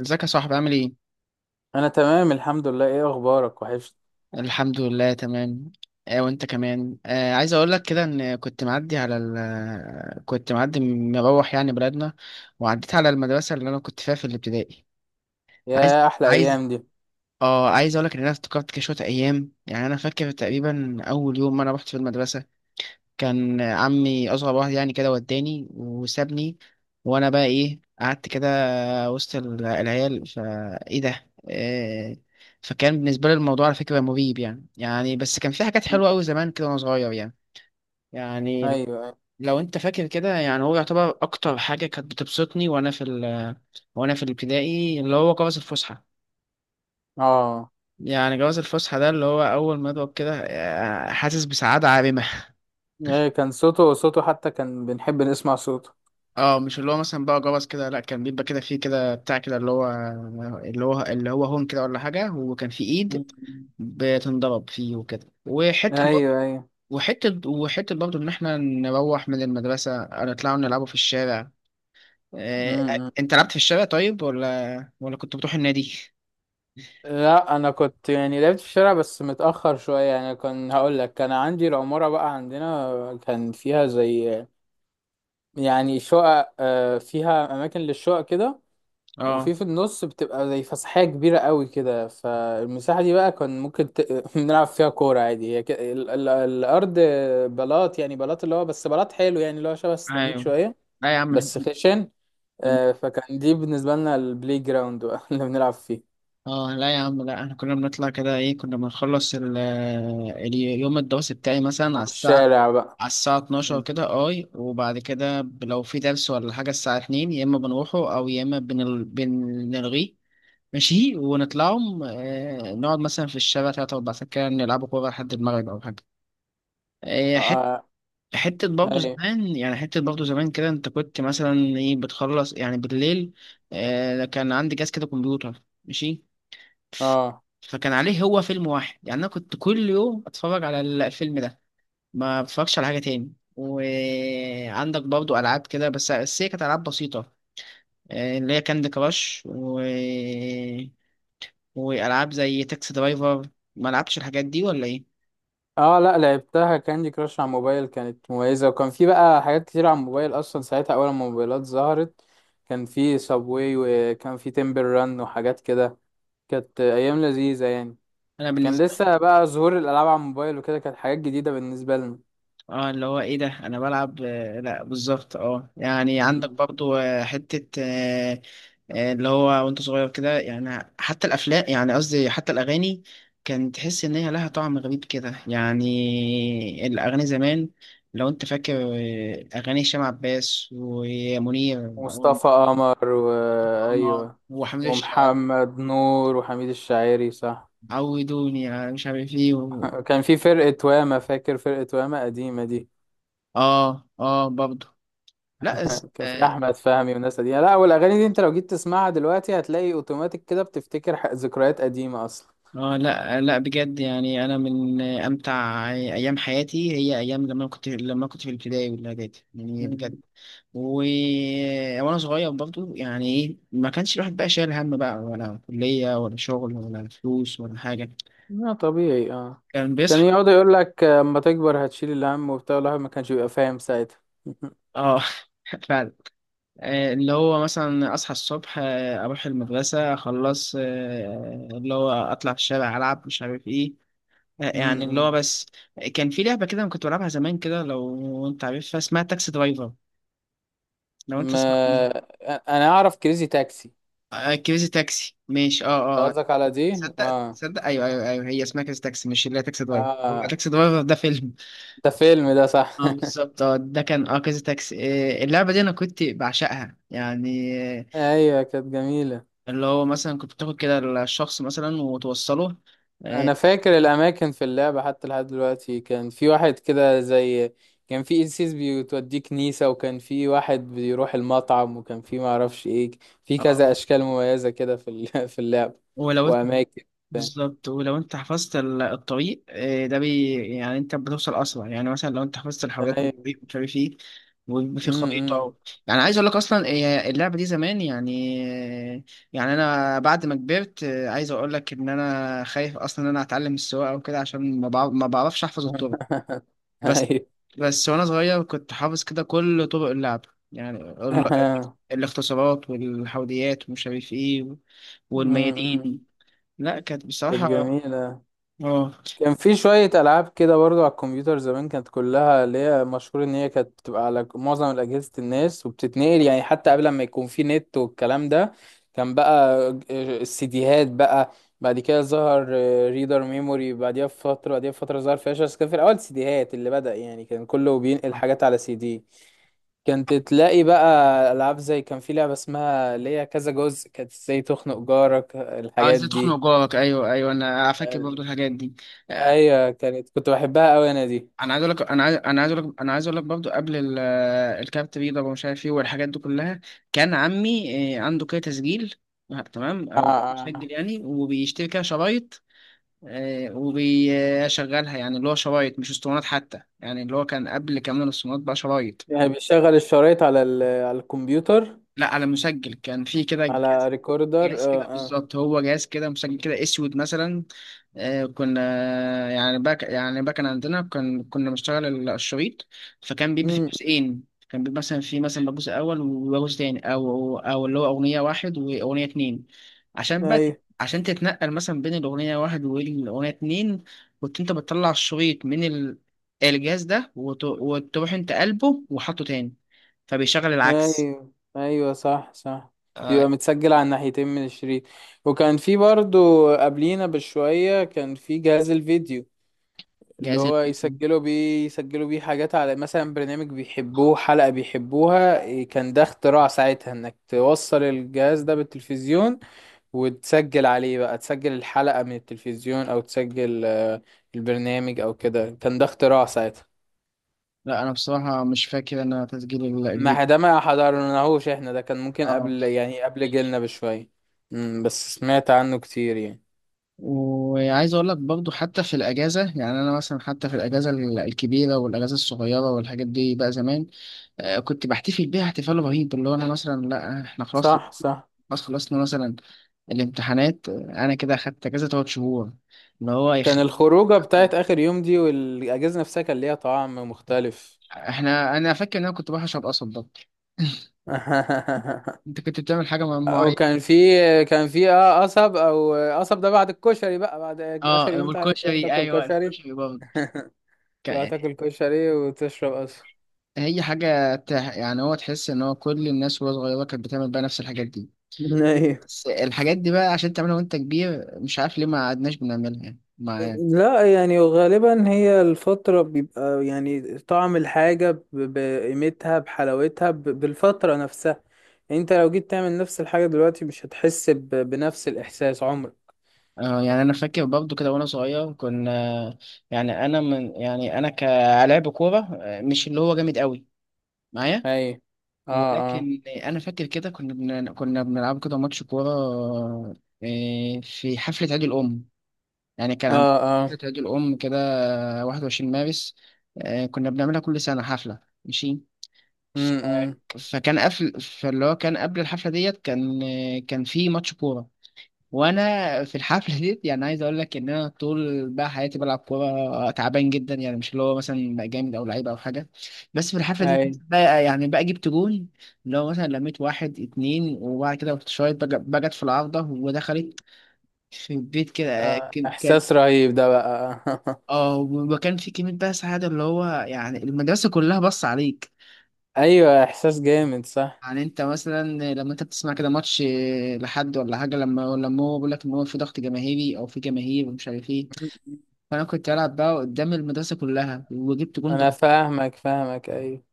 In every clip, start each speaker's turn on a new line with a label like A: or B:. A: ازيك يا صاحبي؟ عامل ايه؟
B: انا تمام الحمد لله، ايه اخبارك؟ وحشت.
A: الحمد لله تمام. وانت كمان. عايز اقول لك كده ان كنت معدي على ال آه، كنت معدي مروح يعني بلدنا، وعديت على المدرسة اللي انا كنت فيها في الابتدائي. عايز
B: يا احلى
A: عايز
B: ايام دي.
A: اه عايز اقول لك ان انا افتكرت كده شوية ايام. يعني انا فاكر تقريبا اول يوم ما انا رحت في المدرسة، كان عمي اصغر واحد يعني، كده وداني وسابني وانا بقى ايه قعدت كده وسط العيال. فايه ده؟ فكان بالنسبه لي الموضوع على فكره مريب يعني. يعني بس كان في حاجات
B: مم.
A: حلوه قوي زمان كده وانا صغير يعني.
B: ايوه
A: يعني
B: أيوة.
A: لو انت فاكر كده، يعني هو يعتبر اكتر حاجه كانت بتبسطني وانا في ال وانا في الابتدائي اللي هو جواز الفسحه.
B: اه،
A: يعني جواز الفسحه ده اللي هو اول ما اضرب كده، حاسس بسعاده عارمه.
B: ايه كان صوته صوته حتى كان بنحب نسمع صوته.
A: اه مش اللي هو مثلا بقى جرس كده، لا كان بيبقى كده، فيه كده بتاع كده اللي هو هون كده ولا حاجة، وكان في ايد
B: مم.
A: بتنضرب فيه وكده. وحتة برضه
B: ايوه ايوه.
A: وحتة برضه إن إحنا نروح من المدرسة نطلع نلعبوا في الشارع. إيه،
B: م-م.
A: أنت لعبت في الشارع طيب ولا كنت بتروح النادي؟
B: لا، انا كنت يعني لعبت في الشارع بس متاخر شويه. يعني كان هقول لك كان عندي العماره بقى، عندنا كان فيها زي يعني شقق، فيها اماكن للشقق كده.
A: أه،
B: وفي في النص بتبقى زي فسحية كبيرة قوي كده، فالمساحة دي بقى كان ممكن نلعب فيها كورة عادي. هي الأرض بلاط، يعني بلاط اللي هو بس بلاط حلو يعني اللي هو شبه السيراميك
A: أيوه.
B: شوية،
A: لا يا عم،
B: بس
A: إحنا
B: خشن.
A: كنا-
B: فكان دي بالنسبة لنا البلاي جراوند بقى اللي بنلعب فيه.
A: اه لا يا عم، لا احنا كنا بنطلع كده. ايه، كنا بنخلص اليوم الدراسي بتاعي مثلا على
B: على
A: الساعة
B: الشارع بقى.
A: على الساعة 12
B: م.
A: كده. اي، وبعد كده، لو في درس ولا حاجة الساعة 2، يا اما بنروحه او يا اما بنلغيه. ماشي، ونطلعهم، نقعد مثلا في الشارع تلات أربع ساعات كده، نلعبوا كورة لحد المغرب أو حاجة. آه،
B: اه،
A: حت... حتة برضه
B: ايوه،
A: زمان يعني، حتة برضه زمان كده. أنت كنت مثلا إيه بتخلص يعني بالليل؟ كان عندي جهاز كده كمبيوتر ماشي،
B: اه،
A: فكان عليه هو فيلم واحد. يعني أنا كنت كل يوم أتفرج على الفيلم ده، ما بتفرجش على حاجة تاني. وعندك برضو ألعاب كده، بس هي كانت ألعاب بسيطة. اللي هي كاندي كراش وألعاب زي تاكسي درايفر. ما لعبتش الحاجات دي ولا إيه؟
B: اه. لا، لعبتها كاندي كراش على الموبايل كانت مميزة، وكان في بقى حاجات كتير على الموبايل اصلا ساعتها. اول ما الموبايلات ظهرت كان في سابواي وكان في تيمبل ران وحاجات كده. كانت ايام لذيذة يعني.
A: أنا
B: كان
A: بالنسبة،
B: لسه بقى ظهور الالعاب على الموبايل وكده، كانت حاجات جديدة بالنسبة لنا.
A: اه اللي هو ايه ده انا بلعب، لا بالظبط. اه يعني عندك
B: مم.
A: برضو، آه، حتة آه، آه، اللي هو وانت صغير كده، يعني حتى الافلام، يعني قصدي حتى الاغاني، كان تحس ان هي لها طعم غريب كده، يعني الاغاني زمان. لو انت فاكر، اغاني هشام عباس ومنير
B: مصطفى قمر،
A: وعمر
B: وايوه،
A: وحميد الشاعري،
B: ومحمد نور وحميد الشاعري، صح.
A: عودوني على مش عارف ايه
B: كان في فرقة واما، فاكر فرقة واما قديمة دي؟
A: اه. اه برضو. لا.
B: كان في احمد فهمي والناس دي. لا، والاغاني دي انت لو جيت تسمعها دلوقتي هتلاقي اوتوماتيك كده بتفتكر ذكريات قديمه اصلا.
A: اه لا لا، بجد يعني انا من امتع ايام حياتي هي ايام لما كنت، لما كنت في الابتدائي والاعدادي، يعني بجد.
B: مم.
A: و... وانا صغير برضو. يعني ايه، ما كانش الواحد بقى شايل هم بقى ولا كلية ولا شغل ولا فلوس ولا حاجة.
B: لا طبيعي، اه.
A: كان
B: كان
A: بيصحى.
B: يقعد يقول لك اما تكبر هتشيل الهم وبتاع، الواحد ما كانش بيبقى فاهم ساعتها.
A: اه. فعلا. اللي هو مثلا اصحى الصبح، اروح المدرسة اخلص، اللي هو اطلع في الشارع العب مش عارف ايه. يعني اللي هو
B: امم
A: بس، كان في لعبة كده أنا كنت بلعبها زمان كده، لو أنت عارفها اسمها تاكسي درايفر، لو أنت سمعت عنها.
B: ما انا اعرف كريزي تاكسي.
A: آه كريزي تاكسي، ماشي. أه أه آه.
B: قصدك على دي،
A: صدق
B: اه
A: صدق أيوه، أيوه هي اسمها كريزي تاكسي، مش اللي هي تاكسي درايفر. هو
B: اه.
A: تاكسي درايفر ده فيلم.
B: ده فيلم ده، صح.
A: أه بالظبط، أه ده كان أه كريزي تاكسي. اللعبة دي أنا كنت بعشقها يعني. آه،
B: ايوه، كانت جميله.
A: اللي هو مثلا كنت بتاخد كده الشخص مثلا وتوصله. أه.
B: انا فاكر الاماكن في اللعبه حتى لحد دلوقتي. كان في واحد كده زي، كان في قسيس بيوديه كنيسه، وكان في واحد بيروح المطعم، وكان في معرفش ايه. في كذا
A: آه،
B: اشكال مميزه كده في اللعبه
A: ولو انت
B: واماكن. بتاع.
A: بالظبط، ولو انت حفظت الطريق، آه، ده بي يعني انت بتوصل اسرع. يعني مثلا لو انت حفظت الحاويات
B: ايوه،
A: والطريق مش عارف ايه، ويبقى في خريطه
B: امم
A: يعني. عايز اقول لك اصلا، اللعبه دي زمان يعني. آه، يعني انا بعد ما كبرت، عايز اقول لك ان انا خايف اصلا ان انا اتعلم السواقه وكده، عشان ما بعرفش احفظ الطرق. بس
B: ايوه
A: بس وانا صغير كنت حافظ كده كل طرق اللعب. يعني الاختصارات والحوديات ومش عارف ايه
B: امم أمم.
A: والميادين. لا كانت
B: كانت
A: بصراحة،
B: جميله.
A: اه.
B: كان في شوية ألعاب كده برضو على الكمبيوتر زمان، كانت كلها اللي هي مشهور إن هي كانت بتبقى على معظم أجهزة الناس وبتتنقل يعني، حتى قبل ما يكون في نت والكلام ده. كان بقى السيديهات بقى، بعد كده ظهر ريدر ميموري بعديها بفترة، ظهر فلاش. بس كان في الأول سيديهات اللي بدأ يعني، كان كله بينقل حاجات على سي دي. كانت تلاقي بقى ألعاب زي، كان في لعبة اسمها اللي هي كذا جزء، كانت ازاي تخنق جارك،
A: عايز
B: الحاجات دي.
A: تخنق جارك، ايوه انا فاكر برضو الحاجات دي. آه،
B: ايوه، كنت بحبها قوي انا دي.
A: انا عايز اقول لك، برضو قبل الكارت بيضاء ومش عارف ايه والحاجات دي كلها. كان عمي، عنده كده تسجيل، تمام،
B: اه،
A: او كان
B: اه،
A: مسجل يعني، وبيشتري كده شرايط، وبيشغلها. يعني اللي هو شرايط مش اسطوانات حتى، يعني اللي هو كان قبل كمان الاسطوانات بقى شرايط.
B: يعني بيشغل الشرايط على الكمبيوتر؟
A: لا على مسجل، كان في كده
B: على ريكوردر،
A: جهاز
B: اه
A: كده
B: اه.
A: بالظبط. هو جهاز كده مسجل كده اسود مثلا. آه كنا، يعني باك يعني باك أنا عندنا كان كنا بنشتغل الشريط. فكان بيبقى في
B: امم،
A: جزئين، كان بيبقى مثلا في مثلا جزء اول وجزء تاني، او او اللي هو اغنيه واحد واغنيه اتنين. عشان بقى
B: ايوه
A: عشان تتنقل مثلا بين الاغنيه واحد والاغنيه اتنين، كنت انت بتطلع الشريط من الجهاز ده، وتروح انت قلبه وحطه تاني، فبيشغل العكس.
B: ايوه ايوه، صح صح.
A: آه،
B: بيبقى متسجل على الناحيتين من الشريط. وكان في برضو قبلينا بشوية كان في جهاز الفيديو، اللي
A: جهاز
B: هو
A: الفيديو.
B: يسجلوا بيه، حاجات على مثلا برنامج بيحبوه، حلقة بيحبوها، إيه، كان ده اختراع ساعتها، انك توصل الجهاز ده بالتلفزيون وتسجل عليه بقى، تسجل الحلقة من التلفزيون أو تسجل البرنامج أو كده. كان ده اختراع ساعتها.
A: لا انا بصراحه مش فاكر انا تسجيل
B: ما
A: الجديد.
B: ده ما حضرناهوش احنا، ده كان ممكن
A: اه.
B: قبل يعني قبل جيلنا بشوية. مم، بس سمعت عنه كتير يعني.
A: وعايز اقول لك برضو حتى في الاجازه، يعني انا مثلا حتى في الاجازه الكبيره والاجازه الصغيره والحاجات دي بقى زمان، كنت بحتفل بيها احتفال رهيب. اللي هو انا مثلا، لا احنا خلاص،
B: صح صح.
A: خلصنا مثلا الامتحانات، انا كده اخدت اجازه تلات شهور، اللي هو
B: كان الخروجة بتاعت آخر يوم دي والأجهزة نفسها كان ليها طعم مختلف.
A: احنا، انا فاكر ان انا كنت بحشر قصب ده. انت كنت بتعمل حاجه معينه.
B: وكان في كان في قصب. او قصب ده بعد الكشري بقى، بعد اخر
A: اه،
B: يوم بتاع تروح
A: والكشري،
B: تاكل
A: ايوه
B: كشري.
A: الكشري
B: تروح
A: برضه.
B: تاكل كشري وتشرب قصب.
A: هي حاجة يعني هو تحس إن هو كل الناس وهي صغيرة كانت بتعمل بقى نفس الحاجات دي.
B: ايوه.
A: بس الحاجات دي بقى عشان تعملها وأنت كبير، مش عارف ليه ما قعدناش بنعملها يعني مع.
B: لا يعني غالبا هي الفترة بيبقى يعني طعم الحاجة بقيمتها، بحلاوتها، بالفترة نفسها. يعني انت لو جيت تعمل نفس الحاجة دلوقتي مش هتحس بنفس الإحساس عمرك.
A: آه يعني أنا فاكر برضه كده وأنا صغير كنا، يعني أنا من، يعني أنا كلاعب كورة، مش اللي هو جامد قوي معايا،
B: اي، اه، اه،
A: ولكن أنا فاكر كده كنا كنا بنلعب كده ماتش كورة، في حفلة عيد الأم. يعني كان عندنا
B: اه، اه،
A: حفلة عيد الأم كده 21 مارس، كنا بنعملها كل سنة حفلة، ماشي.
B: امم،
A: فكان قبل، فاللي هو كان قبل الحفلة ديت، كان كان في ماتش كورة. وأنا في الحفلة ديت يعني عايز أقول لك إن أنا طول بقى حياتي بلعب كورة تعبان جدا، يعني مش اللي هو مثلا بقى جامد أو لعيب أو حاجة. بس في الحفلة دي
B: اي.
A: بقى يعني بقى جبت جون. اللي هو مثلا لميت واحد اتنين، وبعد كده رحت شايط بقت في العارضة ودخلت في البيت كده. كانت،
B: احساس رهيب ده بقى.
A: اه وكان في كلمة بقى سعادة، اللي هو يعني المدرسة كلها بص عليك.
B: ايوه، احساس جامد، صح.
A: يعني انت مثلا لما انت بتسمع كده ماتش لحد ولا حاجة، لما هو بيقول لك ان هو في ضغط جماهيري او في جماهير ومش عارف ايه. فانا كنت بلعب بقى قدام المدرسة كلها وجبت جون
B: انا فاهمك فاهمك، ايوه.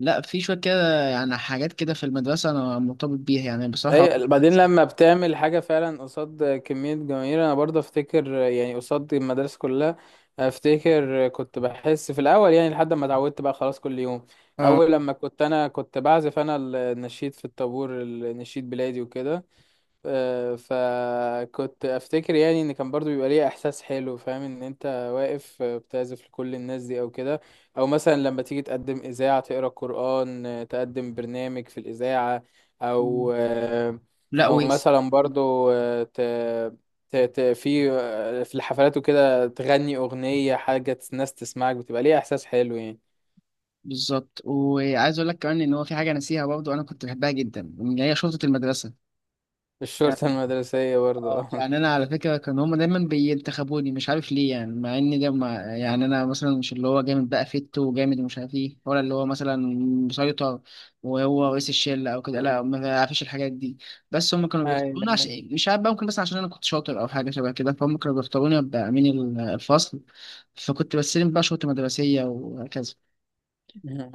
A: لا، في شوية كده يعني حاجات كده في المدرسة انا مرتبط بيها يعني، بصراحة عمري
B: اي،
A: ما
B: بعدين
A: هنساها.
B: لما بتعمل حاجة فعلا قصاد كمية جماهير، انا برضه افتكر يعني قصاد المدرسة كلها. افتكر كنت بحس في الاول يعني لحد ما اتعودت بقى خلاص كل يوم.
A: اه
B: اول لما كنت، انا كنت بعزف انا النشيد في الطابور، النشيد بلادي وكده. فكنت افتكر يعني ان كان برضو بيبقى ليه احساس حلو، فاهم ان انت واقف بتعزف لكل الناس دي او كده. او مثلا لما تيجي تقدم اذاعة تقرا قرآن، تقدم برنامج في الاذاعة، او
A: لا
B: او
A: ويس.
B: مثلا برضو آه، ت... ت... ت... في آه، في الحفلات وكده تغني اغنية، حاجة الناس تسمعك، بتبقى ليه احساس حلو يعني.
A: بالظبط، وعايز اقول لك كمان ان هو في حاجة ناسيها برضه انا كنت بحبها جدا اللي هي شرطة المدرسة.
B: الشرطة المدرسية برضو.
A: اه يعني انا على فكره كان هما دايما بينتخبوني مش عارف ليه، يعني مع ان ده ما يعني انا مثلا مش اللي هو جامد بقى فت وجامد ومش عارف ايه، ولا اللي هو مثلا مسيطر وهو رئيس الشله او كده، لا ما بعرفش الحاجات دي. بس هما كانوا بيختاروني
B: أيوة.
A: عشان مش عارف بقى، ممكن بس عشان انا كنت شاطر او حاجه شبه كده، فهم كانوا بيختاروني ابقى امين الفصل، فكنت بستلم بقى شرطه مدرسيه وهكذا.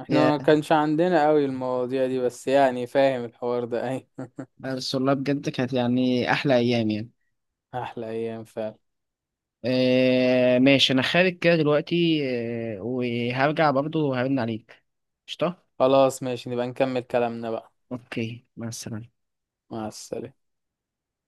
B: احنا
A: يا،
B: ما كانش عندنا قوي المواضيع دي، بس يعني فاهم الحوار ده، اي.
A: بس والله بجد كانت يعني احلى ايام يعني.
B: احلى ايام فعلا.
A: آه ماشي، انا خارج كده دلوقتي، آه وهرجع برضه وهرن عليك. قشطة،
B: خلاص ماشي، نبقى نكمل كلامنا بقى.
A: اوكي، مع السلامة.
B: مع السلامة.